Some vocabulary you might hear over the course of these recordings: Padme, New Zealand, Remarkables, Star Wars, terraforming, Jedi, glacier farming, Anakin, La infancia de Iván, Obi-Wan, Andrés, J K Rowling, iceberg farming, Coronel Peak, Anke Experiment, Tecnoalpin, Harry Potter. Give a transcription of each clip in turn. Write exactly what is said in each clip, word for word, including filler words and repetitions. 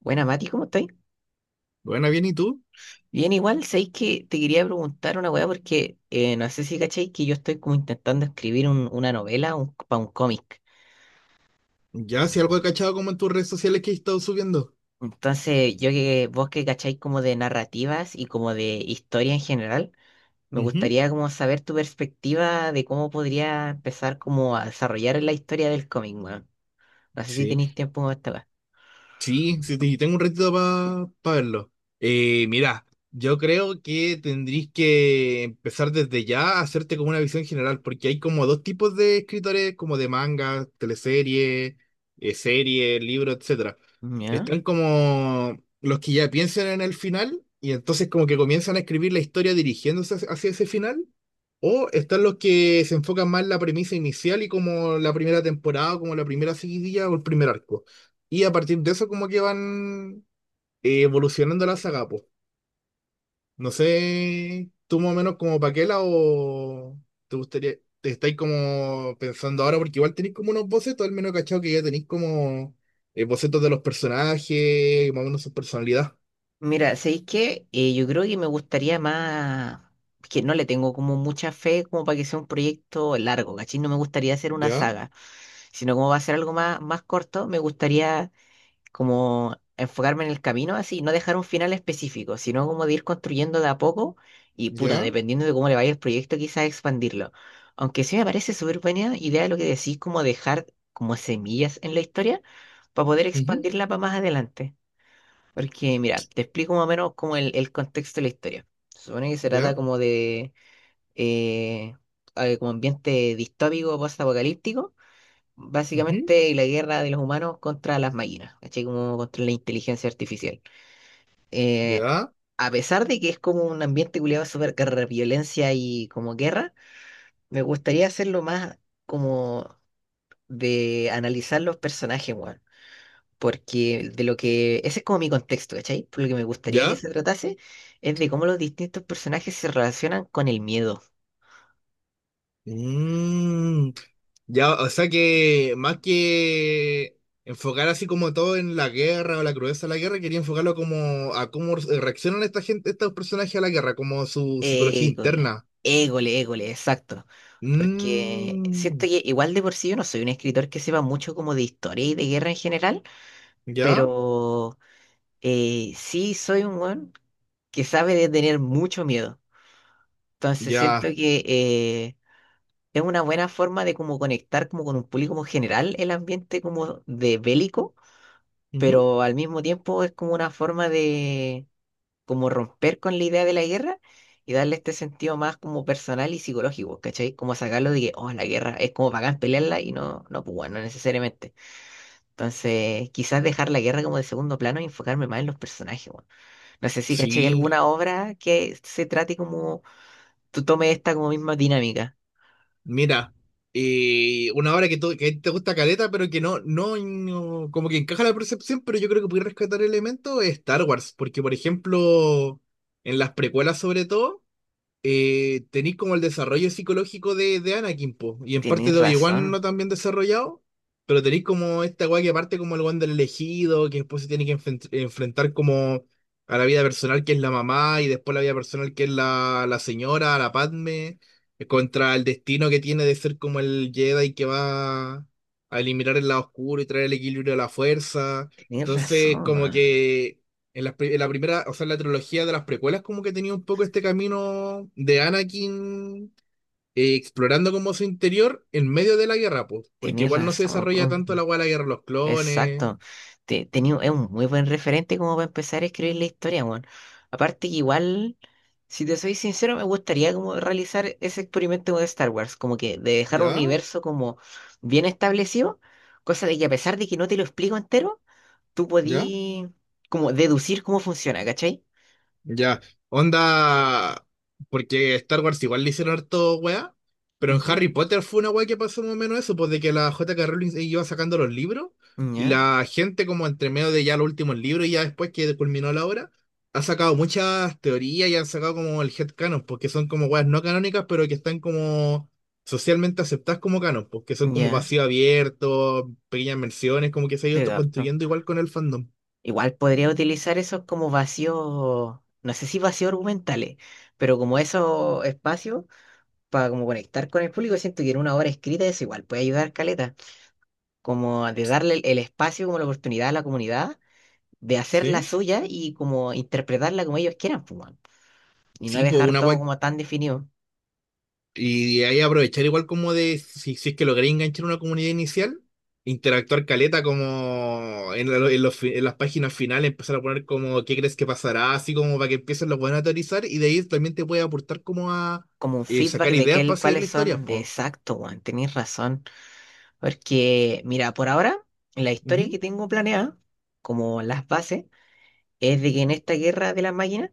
Buena, Mati, ¿cómo estáis? Bueno, bien, ¿y tú? Bien, igual, sabéis que te quería preguntar una weá porque eh, no sé si cacháis que yo estoy como intentando escribir un- una novela un, para un cómic. Ya, si algo he cachado como en tus redes sociales que he estado subiendo. Entonces, yo que vos que cacháis como de narrativas y como de historia en general, me Ujú. gustaría como saber tu perspectiva de cómo podría empezar como a desarrollar la historia del cómic, weón. No sé si Sí, tenéis tiempo para esta weá. sí, sí, te- tengo un ratito para verlo. Eh, mira, yo creo que tendrías que empezar desde ya a hacerte como una visión general, porque hay como dos tipos de escritores, como de manga, teleserie, eh, serie, libro, etcétera. ¿Ya? Están como los que ya piensan en el final y entonces como que comienzan a escribir la historia dirigiéndose hacia hacia ese final. O están los que se enfocan más en la premisa inicial y como la primera temporada, como la primera seguidilla o el primer arco. Y a partir de eso como que van eh, evolucionando la saga, po. No sé, tú más o menos como Paquela o te gustaría, te estáis como pensando ahora porque igual tenéis como unos bocetos, al menos cachado que ya tenéis como eh, bocetos de los personajes, más o menos su personalidad. Mira, ¿sabéis qué? Eh, yo creo que me gustaría más, que no le tengo como mucha fe como para que sea un proyecto largo, ¿cachai? No me gustaría hacer una Ya, saga, sino como va a ser algo más, más corto, me gustaría como enfocarme en el camino así, no dejar un final específico, sino como de ir construyendo de a poco y puta, ya, dependiendo de cómo le vaya el proyecto, quizás expandirlo. Aunque sí me parece súper buena idea lo que decís, como dejar como semillas en la historia para poder ujú, expandirla para más adelante. Porque, mira, te explico más o menos como el, el contexto de la historia. Se supone que se trata ya, como de eh, eh, como ambiente distópico, post-apocalíptico, ujú, básicamente la guerra de los humanos contra las máquinas, ¿cachai? Como contra la inteligencia artificial. Eh, ya, a pesar de que es como un ambiente culiado súper guerra, violencia y como guerra, me gustaría hacerlo más como de analizar los personajes, weón, porque de lo que, ese es como mi contexto, ¿cachai? Por lo que me gustaría que ya. se tratase es de cómo los distintos personajes se relacionan con el miedo. Mm, ya, o sea que más que enfocar así como todo en la guerra o la crudeza de la guerra, quería enfocarlo como a cómo eh, reaccionan esta gente, estos personajes a la guerra, como su psicología Égole, interna. égole, égole, exacto. Porque siento Mm, que igual de por sí yo no soy un escritor que sepa mucho como de historia y de guerra en general, ya, pero eh, sí soy un weón que sabe de tener mucho miedo. Entonces siento ya. que eh, es una buena forma de como conectar como con un público como general el ambiente como de bélico, Ujú. pero al mismo tiempo es como una forma de como romper con la idea de la guerra y darle este sentido más como personal y psicológico, ¿cachai? Como sacarlo de que, oh, la guerra es como bacán pelearla y no, no, pues bueno, no necesariamente. Entonces, quizás dejar la guerra como de segundo plano y enfocarme más en los personajes, weón. No sé si, ¿cachai? Sí, ¿Alguna obra que se trate como tú tomes esta como misma dinámica? mira, eh, una obra que, tú- que te gusta caleta, pero que no, no, no- como que encaja la percepción, pero yo creo que puede rescatar elementos es Star Wars, porque por ejemplo, en las precuelas sobre todo. eh, tenéis como el desarrollo psicológico de, de Anakin, po, y en parte Tenés de Obi-Wan razón, no tan bien desarrollado, pero tenéis como esta weá que parte como el weón del elegido, que después se tiene que enfren- enfrentar como a la vida personal que es la mamá, y después la vida personal que es la, la señora, la Padme, eh, contra el destino que tiene de ser como el Jedi que va a eliminar el lado oscuro y traer el equilibrio a la fuerza. tenés Entonces, razón, como weón. que en la, en la primera, o sea, en la trilogía de las precuelas, como que tenía un poco este camino de Anakin eh, explorando como su interior en medio de la guerra, pues, porque Tenés igual no se razón. desarrolla tanto la hueá de la guerra de los clones. Exacto. Te, tenía, es un muy buen referente como para empezar a escribir la historia, weón. Aparte que igual, si te soy sincero, me gustaría como realizar ese experimento de Star Wars, como que de dejar un ¿Ya? universo como bien establecido, cosa de que a pesar de que no te lo explico entero, tú ¿Ya? podí como deducir cómo funciona, ¿cachai? Ya, onda, porque Star Wars igual le hicieron harto weá, pero en Ujú. Harry Potter fue una weá que pasó más o menos eso, pues de que la J K Rowling iba sacando los libros y Ya, la gente como entre medio de ya los últimos libros y ya después que culminó la obra, ha sacado muchas teorías y han sacado como el headcanon, porque son como weas no canónicas, pero que están como socialmente aceptadas como canon, porque son como ya, vacío abierto, pequeñas menciones, como que se ha ido te capto. construyendo igual con el fandom. Igual podría utilizar esos como vacíos, no sé si vacíos argumentales, pero como esos espacios para como conectar con el público, siento que en una obra escrita es igual, puede ayudar Caleta, como de darle el, el espacio, como la oportunidad a la comunidad de hacer la ¿Sí? suya y como interpretarla como ellos quieran, pues, weón. Y no Sí, pues dejar una todo weá. como tan definido, Y de ahí aprovechar igual como de, si, si es que logré enganchar una comunidad inicial, interactuar caleta como en, la- en los fi- en las páginas finales, empezar a poner como qué crees que pasará, así como para que empiecen los buenos a teorizar y de ahí también te puede aportar como a como un eh, feedback sacar de que ideas para el- seguir la cuáles historia, son, pues. exacto, Juan, tenéis razón, porque mira, por ahora, la historia Ujú. que tengo planeada, como las bases, es de que en esta guerra de las máquinas,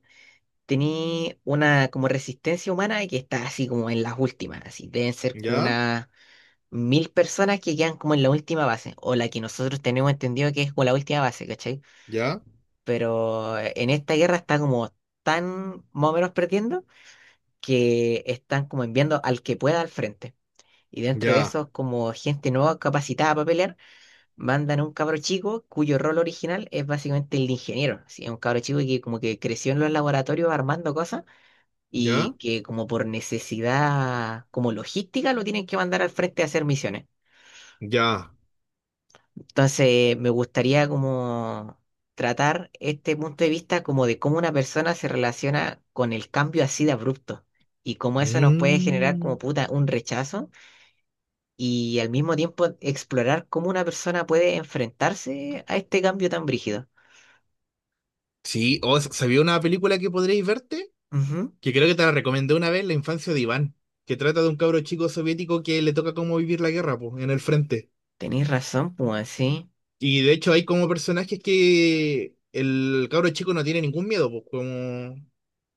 tenía una como resistencia humana que está así como en las últimas, así deben ser como Ya, una mil personas que quedan como en la última base, o la que nosotros tenemos entendido que es como la última base, ¿cachai? ya, Pero eh, en esta guerra está como tan más o menos perdiendo que están como enviando al que pueda al frente. Y dentro de ya, eso, como gente nueva capacitada para pelear, mandan a un cabro chico cuyo rol original es básicamente el de ingeniero. Así, es un cabro chico que como que creció en los laboratorios armando cosas ya, y que como por necesidad como logística lo tienen que mandar al frente a hacer misiones. ya. Entonces, me gustaría como tratar este punto de vista como de cómo una persona se relaciona con el cambio así de abrupto y cómo eso nos puede generar como Mm. puta un rechazo y al mismo tiempo explorar cómo una persona puede enfrentarse a este cambio tan brígido. Sí, o s- ¿sabía una película que podréis verte? Ujú. Que creo que te la recomendé una vez, La infancia de Iván, que trata de un cabro chico soviético que le toca cómo vivir la guerra, pues, en el frente. Tenéis razón, pues así. Y de hecho hay como personajes que el cabro chico no tiene ningún miedo, pues, como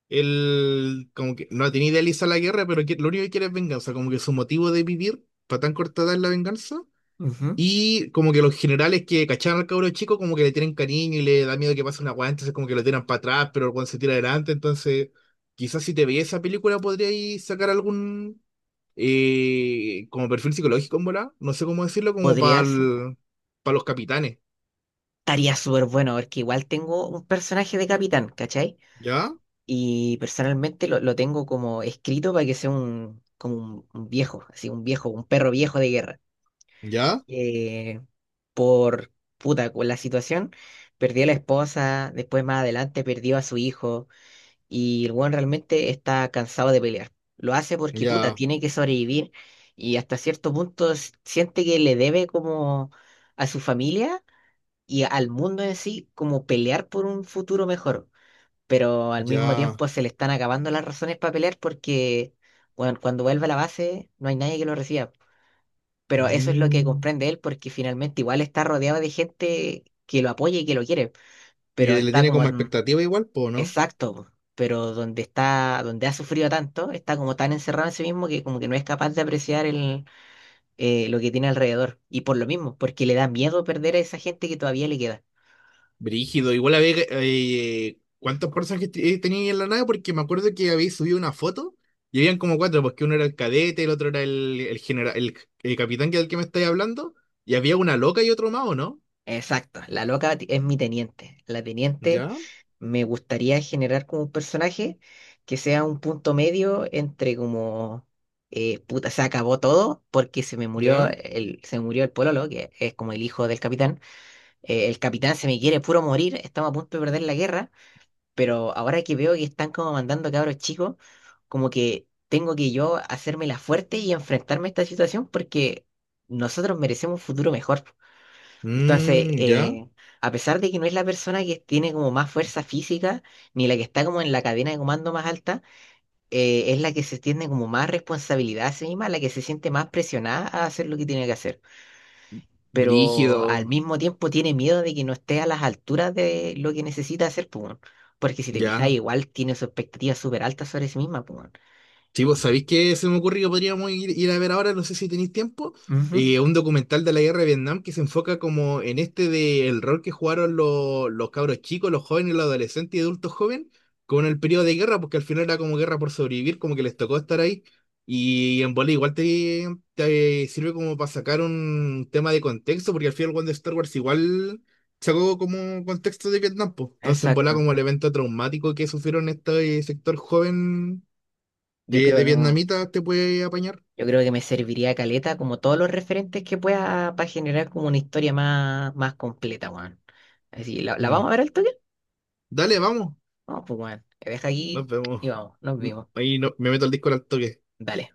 él como que no tiene idealiza la guerra, pero que- lo único que quiere es venganza, como que su motivo de vivir para tan cortada es la venganza. Ujú. Y como que los generales que cacharon al cabro chico, como que le tienen cariño y le da miedo que pase una weá, entonces como que lo tiran para atrás, pero cuando se tira adelante, entonces quizás si te veías esa película podríais sacar algún eh, como perfil psicológico en volá, no sé cómo decirlo, como para Podría ser- los capitanes. Estaría súper bueno porque igual tengo un personaje de capitán, ¿cachai? ¿Ya? Y personalmente lo, lo tengo como escrito para que sea un, como un, un viejo, así un viejo, un perro viejo de guerra. ¿Ya? Eh, por puta, con la situación, perdió a la esposa, después más adelante perdió a su hijo, y el weón realmente está cansado de pelear. Lo hace porque puta, ¿Ya? tiene que sobrevivir y hasta cierto punto s- siente que le debe como a su familia y al mundo en sí como pelear por un futuro mejor, pero al mismo ¿Ya? tiempo se le están acabando las razones para pelear porque, bueno, cuando vuelve a la base no hay nadie que lo reciba. Pero eso es lo que Mm. comprende él porque finalmente igual está rodeado de gente que lo apoya y que lo quiere, Y pero que le está tiene como como en- expectativa igual, po, ¿no? exacto, po, pero donde está, donde ha sufrido tanto, está como tan encerrado en sí mismo que como que no es capaz de apreciar el, eh, lo que tiene alrededor. Y por lo mismo, porque le da miedo perder a esa gente que todavía le queda. Brígido, igual a ver eh, cuántos personajes te- eh, tenía ahí en la nave, porque me acuerdo que habéis subido una foto y habían como cuatro, porque uno era el cadete, el otro era el, el general, el, el capitán que del que me estáis hablando, y había una loca y otro más, ¿o no? Exacto, la loca ti- es mi teniente. La teniente, Ya, me gustaría generar como un personaje que sea un punto medio entre como eh, puta, se acabó todo porque se me murió ya, el, se me murió el pololo, que es como el hijo del capitán. Eh, el capitán se me quiere puro morir, estamos a punto de perder la guerra, pero ahora que veo que están como mandando cabros chicos, como que tengo que yo hacerme la fuerte y enfrentarme a esta situación porque nosotros merecemos un futuro mejor. Entonces, mm, ya, eh, a pesar de que no es la persona que tiene como más fuerza física, ni la que está como en la cadena de comando más alta, eh, es la que se tiene como más responsabilidad a sí misma, la que se siente más presionada a hacer lo que tiene que hacer. Pero al brígido, mismo tiempo tiene miedo de que no esté a las alturas de lo que necesita hacer, pues, weón. Porque si te fijas, ya. igual tiene sus expectativas súper altas sobre sí misma, pues, weón. Sí, vos sabéis que se me ocurrió podríamos ir, ir a ver ahora, no sé si tenéis tiempo, Ujú. eh, un documental de la guerra de Vietnam que se enfoca como en este de el rol que jugaron los, los cabros chicos, los jóvenes, los adolescentes y adultos jóvenes con el periodo de guerra, porque al final era como guerra por sobrevivir, como que les tocó estar ahí. Y en bola igual te, te sirve como para sacar un tema de contexto, porque al final cuando Star Wars igual sacó como contexto de Vietnam, pues. Entonces en bola Exacto. como el evento traumático que sufrieron este sector joven Yo eh, de creo, vietnamita te puede apañar. Yo creo que me serviría caleta como todos los referentes que pueda para generar como una historia más, más completa, weón. Así, ¿la, la vamos a Mm. ver al toque? Dale, vamos. Vamos, pues, weón. Me deja Nos aquí vemos. y vamos, nos vimos. Ahí no, me meto al disco al toque. Dale.